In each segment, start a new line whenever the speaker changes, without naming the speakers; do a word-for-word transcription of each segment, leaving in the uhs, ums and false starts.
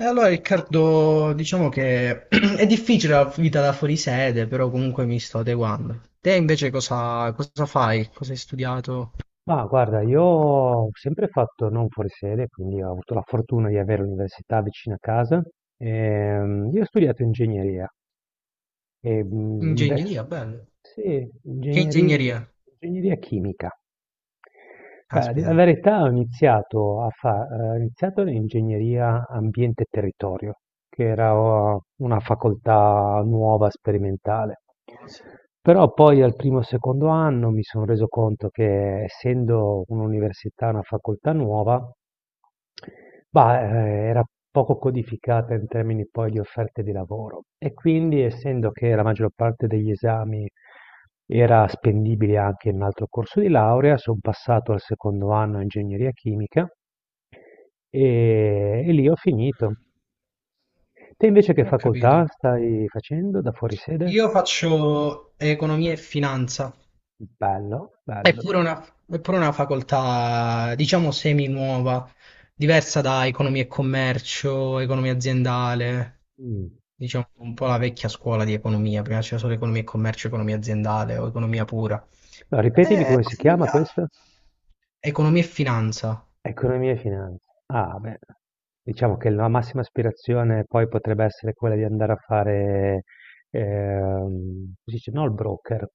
E allora Riccardo, diciamo che è difficile la vita da fuori sede, però comunque mi sto adeguando. Te invece cosa, cosa fai? Cosa hai studiato?
Ma guarda, io ho sempre fatto non fuori sede, quindi ho avuto la fortuna di avere l'università vicino a casa. Ehm, io ho studiato ingegneria e, mhmm, il ve
Ingegneria, bello.
sì,
Che
ingegneria
ingegneria?
ingegneria chimica. Ah, d la
Caspita.
verità Ho iniziato a fa ehm, ho iniziato l'ingegneria ambiente e territorio, che era o una facoltà nuova, sperimentale. Però poi al primo o secondo anno mi son reso conto che essendo un'università, una facoltà nuova, Bah, ehm, era poco codificata in termini poi di offerte di lavoro, e quindi essendo che la maggior parte degli esami era spendibile anche in un altro corso di laurea, son passato al secondo anno a ingegneria chimica e e lì ho finito. Te invece che
Ho
facoltà
capito.
stai facendo da fuori sede?
Io faccio economia e finanza.
Bello,
È
bello.
pure una, è pure una facoltà, diciamo, semi nuova, diversa da economia e commercio, economia aziendale,
Mh.
diciamo un po' la vecchia scuola di economia, prima c'era solo economia e commercio, economia aziendale o economia pura.
Ripetimi
Eh,
come si
mi
chiama
piace.
questa?
Economia e finanza,
Economia e finanza. Ah, beh, diciamo che la massima aspirazione poi potrebbe essere quella di andare a fare, ehm, si dice, no, il broker,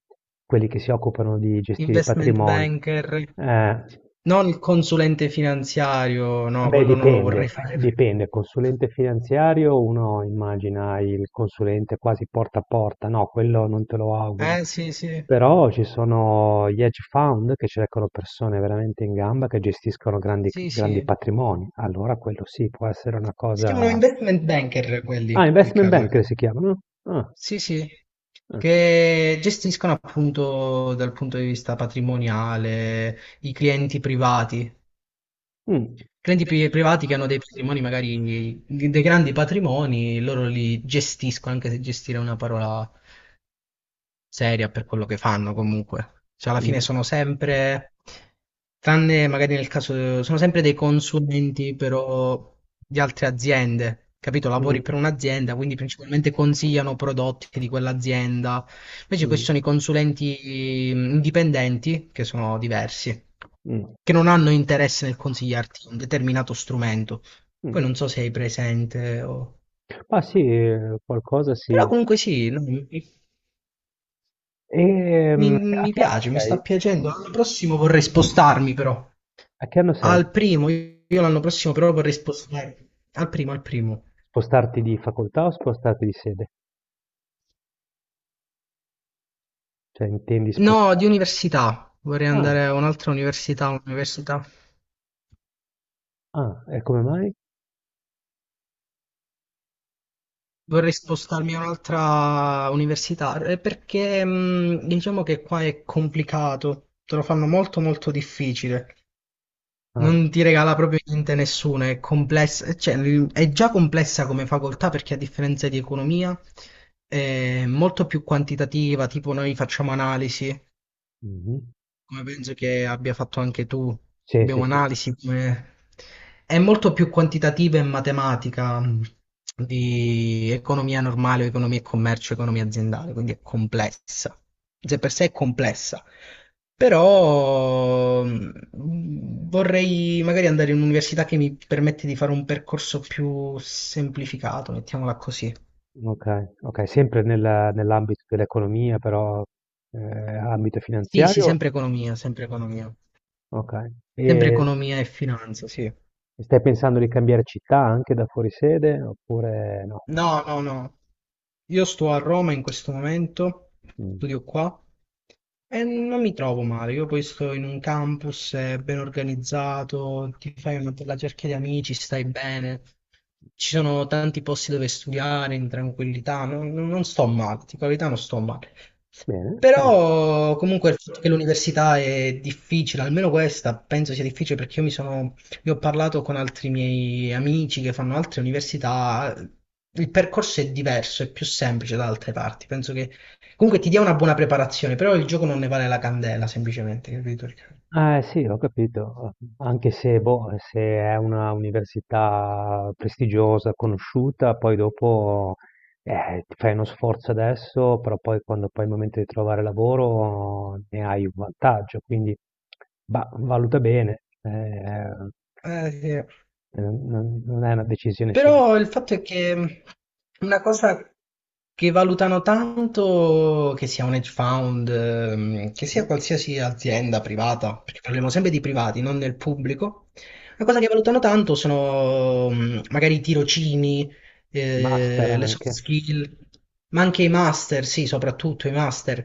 quelli che si occupano di gestire i
investment
patrimoni.
banker,
Eh,
non il consulente finanziario, no,
Beh,
quello non lo
dipende,
vorrei fare.
dipende. Consulente finanziario, uno immagina il consulente quasi porta a porta, no, quello non te lo auguro.
Eh sì, sì,
Però ci sono gli hedge fund che cercano persone veramente in gamba che gestiscono grandi,
sì,
grandi
sì.
patrimoni. Allora quello sì, può essere una
Si chiamano
cosa...
investment banker quelli,
Ah, investment
Riccardo.
banker si chiamano? Ah,
Sì, sì,
ah.
che gestiscono appunto dal punto di vista patrimoniale i clienti privati.
Mm,
Clienti pri- privati che hanno dei patrimoni, magari dei grandi patrimoni, loro li gestiscono, anche se gestire è una parola seria per quello che fanno comunque. Cioè, alla fine
mm,
sono sempre, tranne magari nel caso, sono sempre dei consulenti però di altre aziende, capito?
mm,
Lavori per un'azienda, quindi principalmente consigliano prodotti di quell'azienda. Invece poi ci
mm,
sono i consulenti mm, indipendenti, che sono diversi,
mm,
che non hanno interesse nel consigliarti un determinato strumento. Poi
mm.
non so se hai presente o...
Ma sì, eh, qualcosa
Però
sì.
comunque sì, no?
E,
Mi,
mm, a
mi
che anno
piace, mi sta
sei?
piacendo. L'anno prossimo vorrei spostarmi però.
A che anno sei?
Al primo, io io l'anno prossimo però vorrei spostarmi. Al primo, al primo.
Spostarti di facoltà o spostarti di sede? Cioè intendi
No,
sposta
di università. Vorrei
ah,
andare a un'altra università, un'università.
ah, e come mai?
Vorrei spostarmi a un'altra università eh, perché mh, diciamo che qua è complicato, te lo fanno molto molto difficile.
Ah,
Non ti regala proprio niente nessuno, è complessa, cioè, l- è già complessa come facoltà perché a differenza di economia è molto più quantitativa, tipo noi facciamo analisi,
mh-mh.
come penso che abbia fatto anche tu,
Sì, sì,
abbiamo
sì,
analisi come... È molto più quantitativa e matematica mh, di economia normale, o economia e commercio, economia aziendale, quindi è complessa. Se per sé è complessa, però mh, vorrei magari andare in un'università che mi permette di fare un percorso più semplificato, mettiamola così.
okay, okay, sempre nella nell'ambito dell'economia però, ehm, ambito
Sì, sì,
finanziario?
sempre economia, sempre economia.
Okay.
Sempre
E
economia e finanza, sì.
e stai pensando di cambiare città anche da fuori sede oppure no?
No, no, no. Io sto a Roma in questo momento,
Mh,
studio qua e non mi trovo male. Io poi sto in un campus eh, ben organizzato, ti fai una bella cerchia di amici, stai bene. Ci sono tanti posti dove studiare in tranquillità, non, non- non sto male, di qualità non sto male.
bene, bene.
Però comunque il fatto che l'università è difficile, almeno questa penso sia difficile perché io mi sono io ho parlato con altri miei amici che fanno altre università, il percorso è diverso, è più semplice da altre parti. Penso che comunque ti dia una buona preparazione, però il gioco non ne vale la candela, semplicemente, capito?
Eh sì, ho capito, anche se, boh, se è una università prestigiosa, conosciuta, poi dopo eh, ti fai uno sforzo adesso, però poi quando poi è il momento di trovare lavoro ne hai un vantaggio, quindi bah, valuta bene, eh,
Eh, sì.
eh, non, non è una decisione semplice.
Però il fatto è che una cosa che valutano tanto che sia un hedge fund, ehm, che sia qualsiasi azienda privata, perché parliamo sempre di privati, non del pubblico. Una cosa che valutano tanto sono mm, magari i tirocini,
Master
eh, le soft
anche.
skill, ma anche i master, sì, soprattutto i master.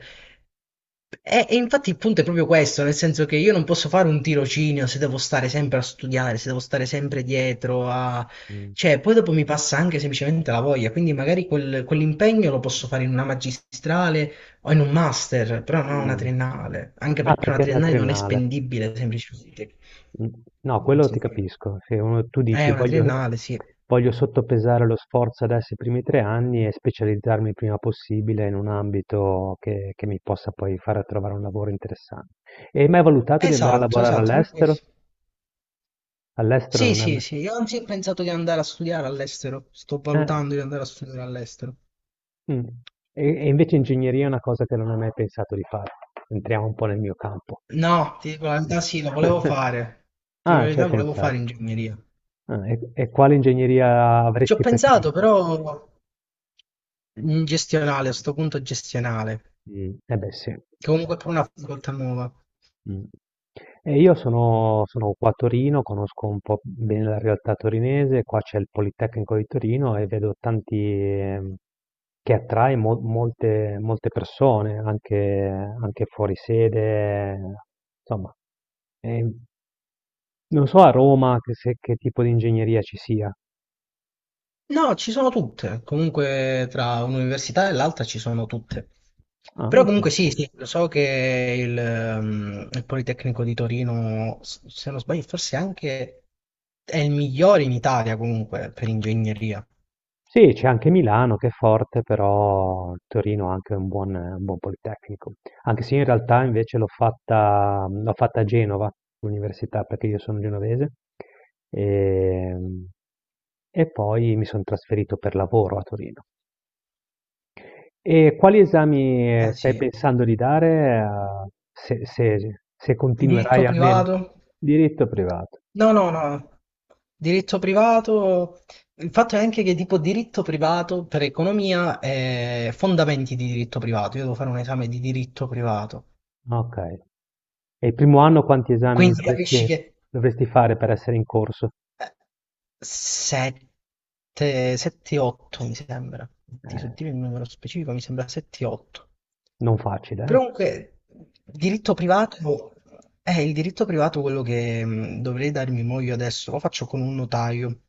E e infatti il punto è proprio questo, nel senso che io non posso fare un tirocinio se devo stare sempre a studiare, se devo stare sempre dietro a...
Mm.
Cioè, poi dopo mi passa anche semplicemente la voglia, quindi magari quel- quell'impegno lo posso fare in una magistrale o in un master, però non una
Mm.
triennale, anche
Ah,
perché una
perché è una
triennale non è
triennale.
spendibile semplicemente.
Mm. No,
Non
quello
so
ti
se-
capisco. Se uno- Tu
È
dici
una
voglio,
triennale, sì.
voglio sottopesare lo sforzo adesso i primi tre anni e specializzarmi il prima possibile in un ambito che, che mi possa poi far trovare un lavoro interessante. E hai mai valutato di andare a
Esatto,
lavorare
esatto, proprio
all'estero?
questo.
All'estero
Sì,
non è
sì,
mai...
sì, io anzi ho pensato di andare a studiare all'estero, sto
eh,
valutando di andare a studiare all'estero.
mm. E, e invece ingegneria è una cosa che non hai mai pensato di fare. Entriamo un po' nel mio campo.
No, ti dico la verità, sì, lo volevo fare. Ti dico la
Ah, ci
verità,
hai
volevo fare
pensato.
ingegneria.
Ah, e, e quale ingegneria
Ci ho
avresti
pensato,
preferito?
però in gestionale, a sto punto gestionale,
Mm. Eh beh, sì.
che
Sì.
comunque è pure una facoltà nuova.
Mh. E io sono sono qua a Torino, conosco un po' bene la realtà torinese, qua c'è il Politecnico di Torino e vedo tanti, ehm, che attrae mol molte molte persone, anche anche fuori sede, insomma. Ehm, Non so a Roma che se che tipo di ingegneria ci sia.
No, ci sono tutte. Comunque tra un'università e l'altra ci sono tutte.
Ah,
Però
oka
comunque sì, sì, lo so che il, ehm, il Politecnico di Torino, s- se non sbaglio, forse anche è il migliore in Italia comunque per ingegneria.
sì, c'è anche Milano che è forte, però Torino ha anche un buon, un buon politecnico. Anche se in realtà invece l'ho fatta, l'ho fatta a Genova, l'università, perché io sono genovese. E, e poi mi sono trasferito per lavoro a Torino. E quali esami, eh,
Ah,
stai
sì.
pensando di dare, eh, se, se- se
Diritto
continuerai almeno?
privato?
Diritto privato.
No, no, no. Diritto privato, il fatto è anche che tipo diritto privato per economia è fondamenti di diritto privato. Io devo fare un esame di diritto privato.
Ok. E il primo anno quanti esami
Quindi capisci
dovresti,
che
dovresti fare per essere in corso?
7, 7, otto mi sembra. Ti so
Eh.
dire il numero specifico, mi sembra sette, otto.
Non facile,
Però
eh?
comunque, diritto privato è il diritto privato quello che mh, dovrei darmi mo io adesso, lo faccio con un notaio.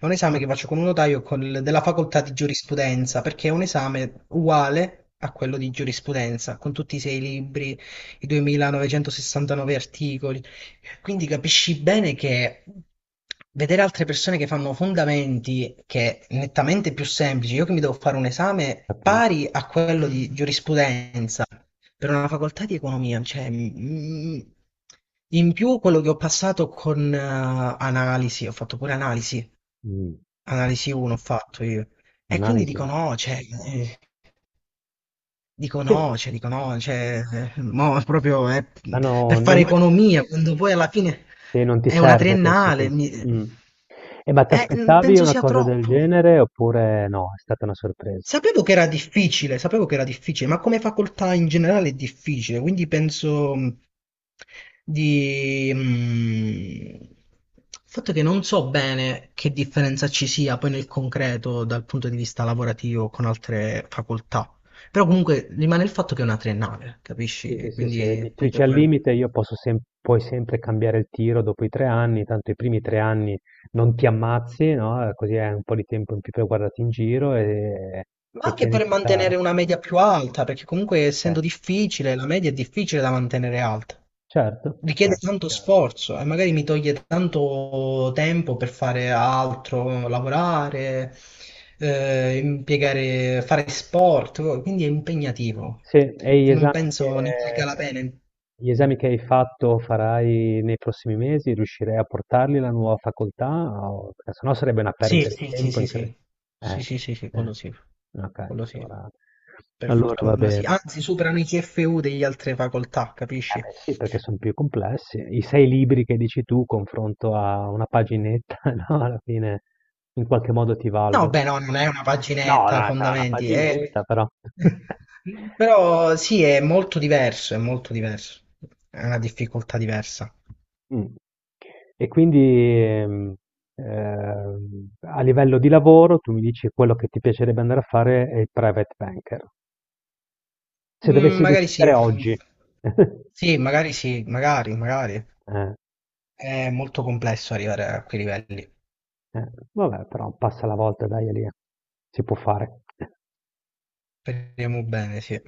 È un esame
Ah,
che faccio con un notaio col- della facoltà di giurisprudenza, perché è un esame uguale a quello di giurisprudenza, con tutti i sei libri, i duemilanovecentosessantanove articoli. Quindi capisci bene che vedere altre persone che fanno fondamenti che è nettamente più semplici, io che mi devo fare un esame
capi
pari a quello di giurisprudenza, per una facoltà di economia, cioè, mm, mm, in più quello che ho passato con eh, analisi, ho fatto pure analisi,
mh,
analisi uno ho fatto io, e quindi
analisi.
dico no, cioè, eh, dico
Sì,
no, cioè, dico no, cioè, eh, mo proprio eh,
ma no,
per
non
fare economia, quando poi alla fine
sì, non ti
è una
serve, pensi tu.
triennale, mi-
Mh. Eh, ma
eh,
t'aspettavi
penso
una
sia
cosa del
troppo.
genere oppure no, è stata una sorpresa?
Sapevo che era difficile, sapevo che era difficile, ma come facoltà in generale è difficile, quindi penso mh, di... mh, il fatto è che non so bene che differenza ci sia poi nel concreto dal punto di vista lavorativo con altre facoltà, però comunque rimane il fatto che è una triennale,
Sì, sì,
capisci?
sì,
Quindi
sì,
il
di- tu
punto
dici
è
al
quello.
limite io posso sem- puoi sempre cambiare il tiro dopo i tre anni, tanto i primi tre anni non ti ammazzi, no? Eh, così hai un po' di tempo in più per guardarti in giro e,
Ma
e
anche per mantenere
pianificare.
una media più alta, perché comunque
Sì,
essendo difficile, la media è difficile da mantenere alta.
certo,
Richiede
certo,
tanto
chiaro.
sforzo e magari mi toglie tanto tempo per fare altro, lavorare, eh, impiegare, fare sport, quindi è impegnativo
Sì, e gli
e non
esami
penso ne
che,
valga la
che-
pena.
gli esami che hai fatto farai nei prossimi mesi, riuscirei a portarli alla nuova facoltà? O- Perché sennò sarebbe una perdita,
Sì,
sì, di
sì, sì,
tempo
sì, sì,
incredibile.
sì, sì, sì, sì,
Eh, eh.
quello sì,
Ok,
quello sì,
allora,
per
allora va
fortuna sì.
bene.
Anzi, superano i C F U degli altre facoltà,
Eh
capisci?
beh, sì, perché sono più complessi. I sei libri che dici tu, confronto a una paginetta, no? Alla fine in qualche modo ti
No,
valgono.
beh, no, non è una
No,
paginetta,
no, sarà una
fondamenti, è-
paginetta, però.
però sì, è molto diverso, è molto diverso, è una difficoltà diversa.
Mh. E quindi, ehm, ehm, a livello di lavoro tu mi dici quello che ti piacerebbe andare a fare è il private banker. Se
Mm,
dovessi
magari sì,
decidere
eh,
oggi.
sì, magari sì, magari, magari.
Eh,
È molto complesso arrivare a quei livelli.
eh. Vabbè però passa la volta, dai Elia, si può fare.
Speriamo bene, sì.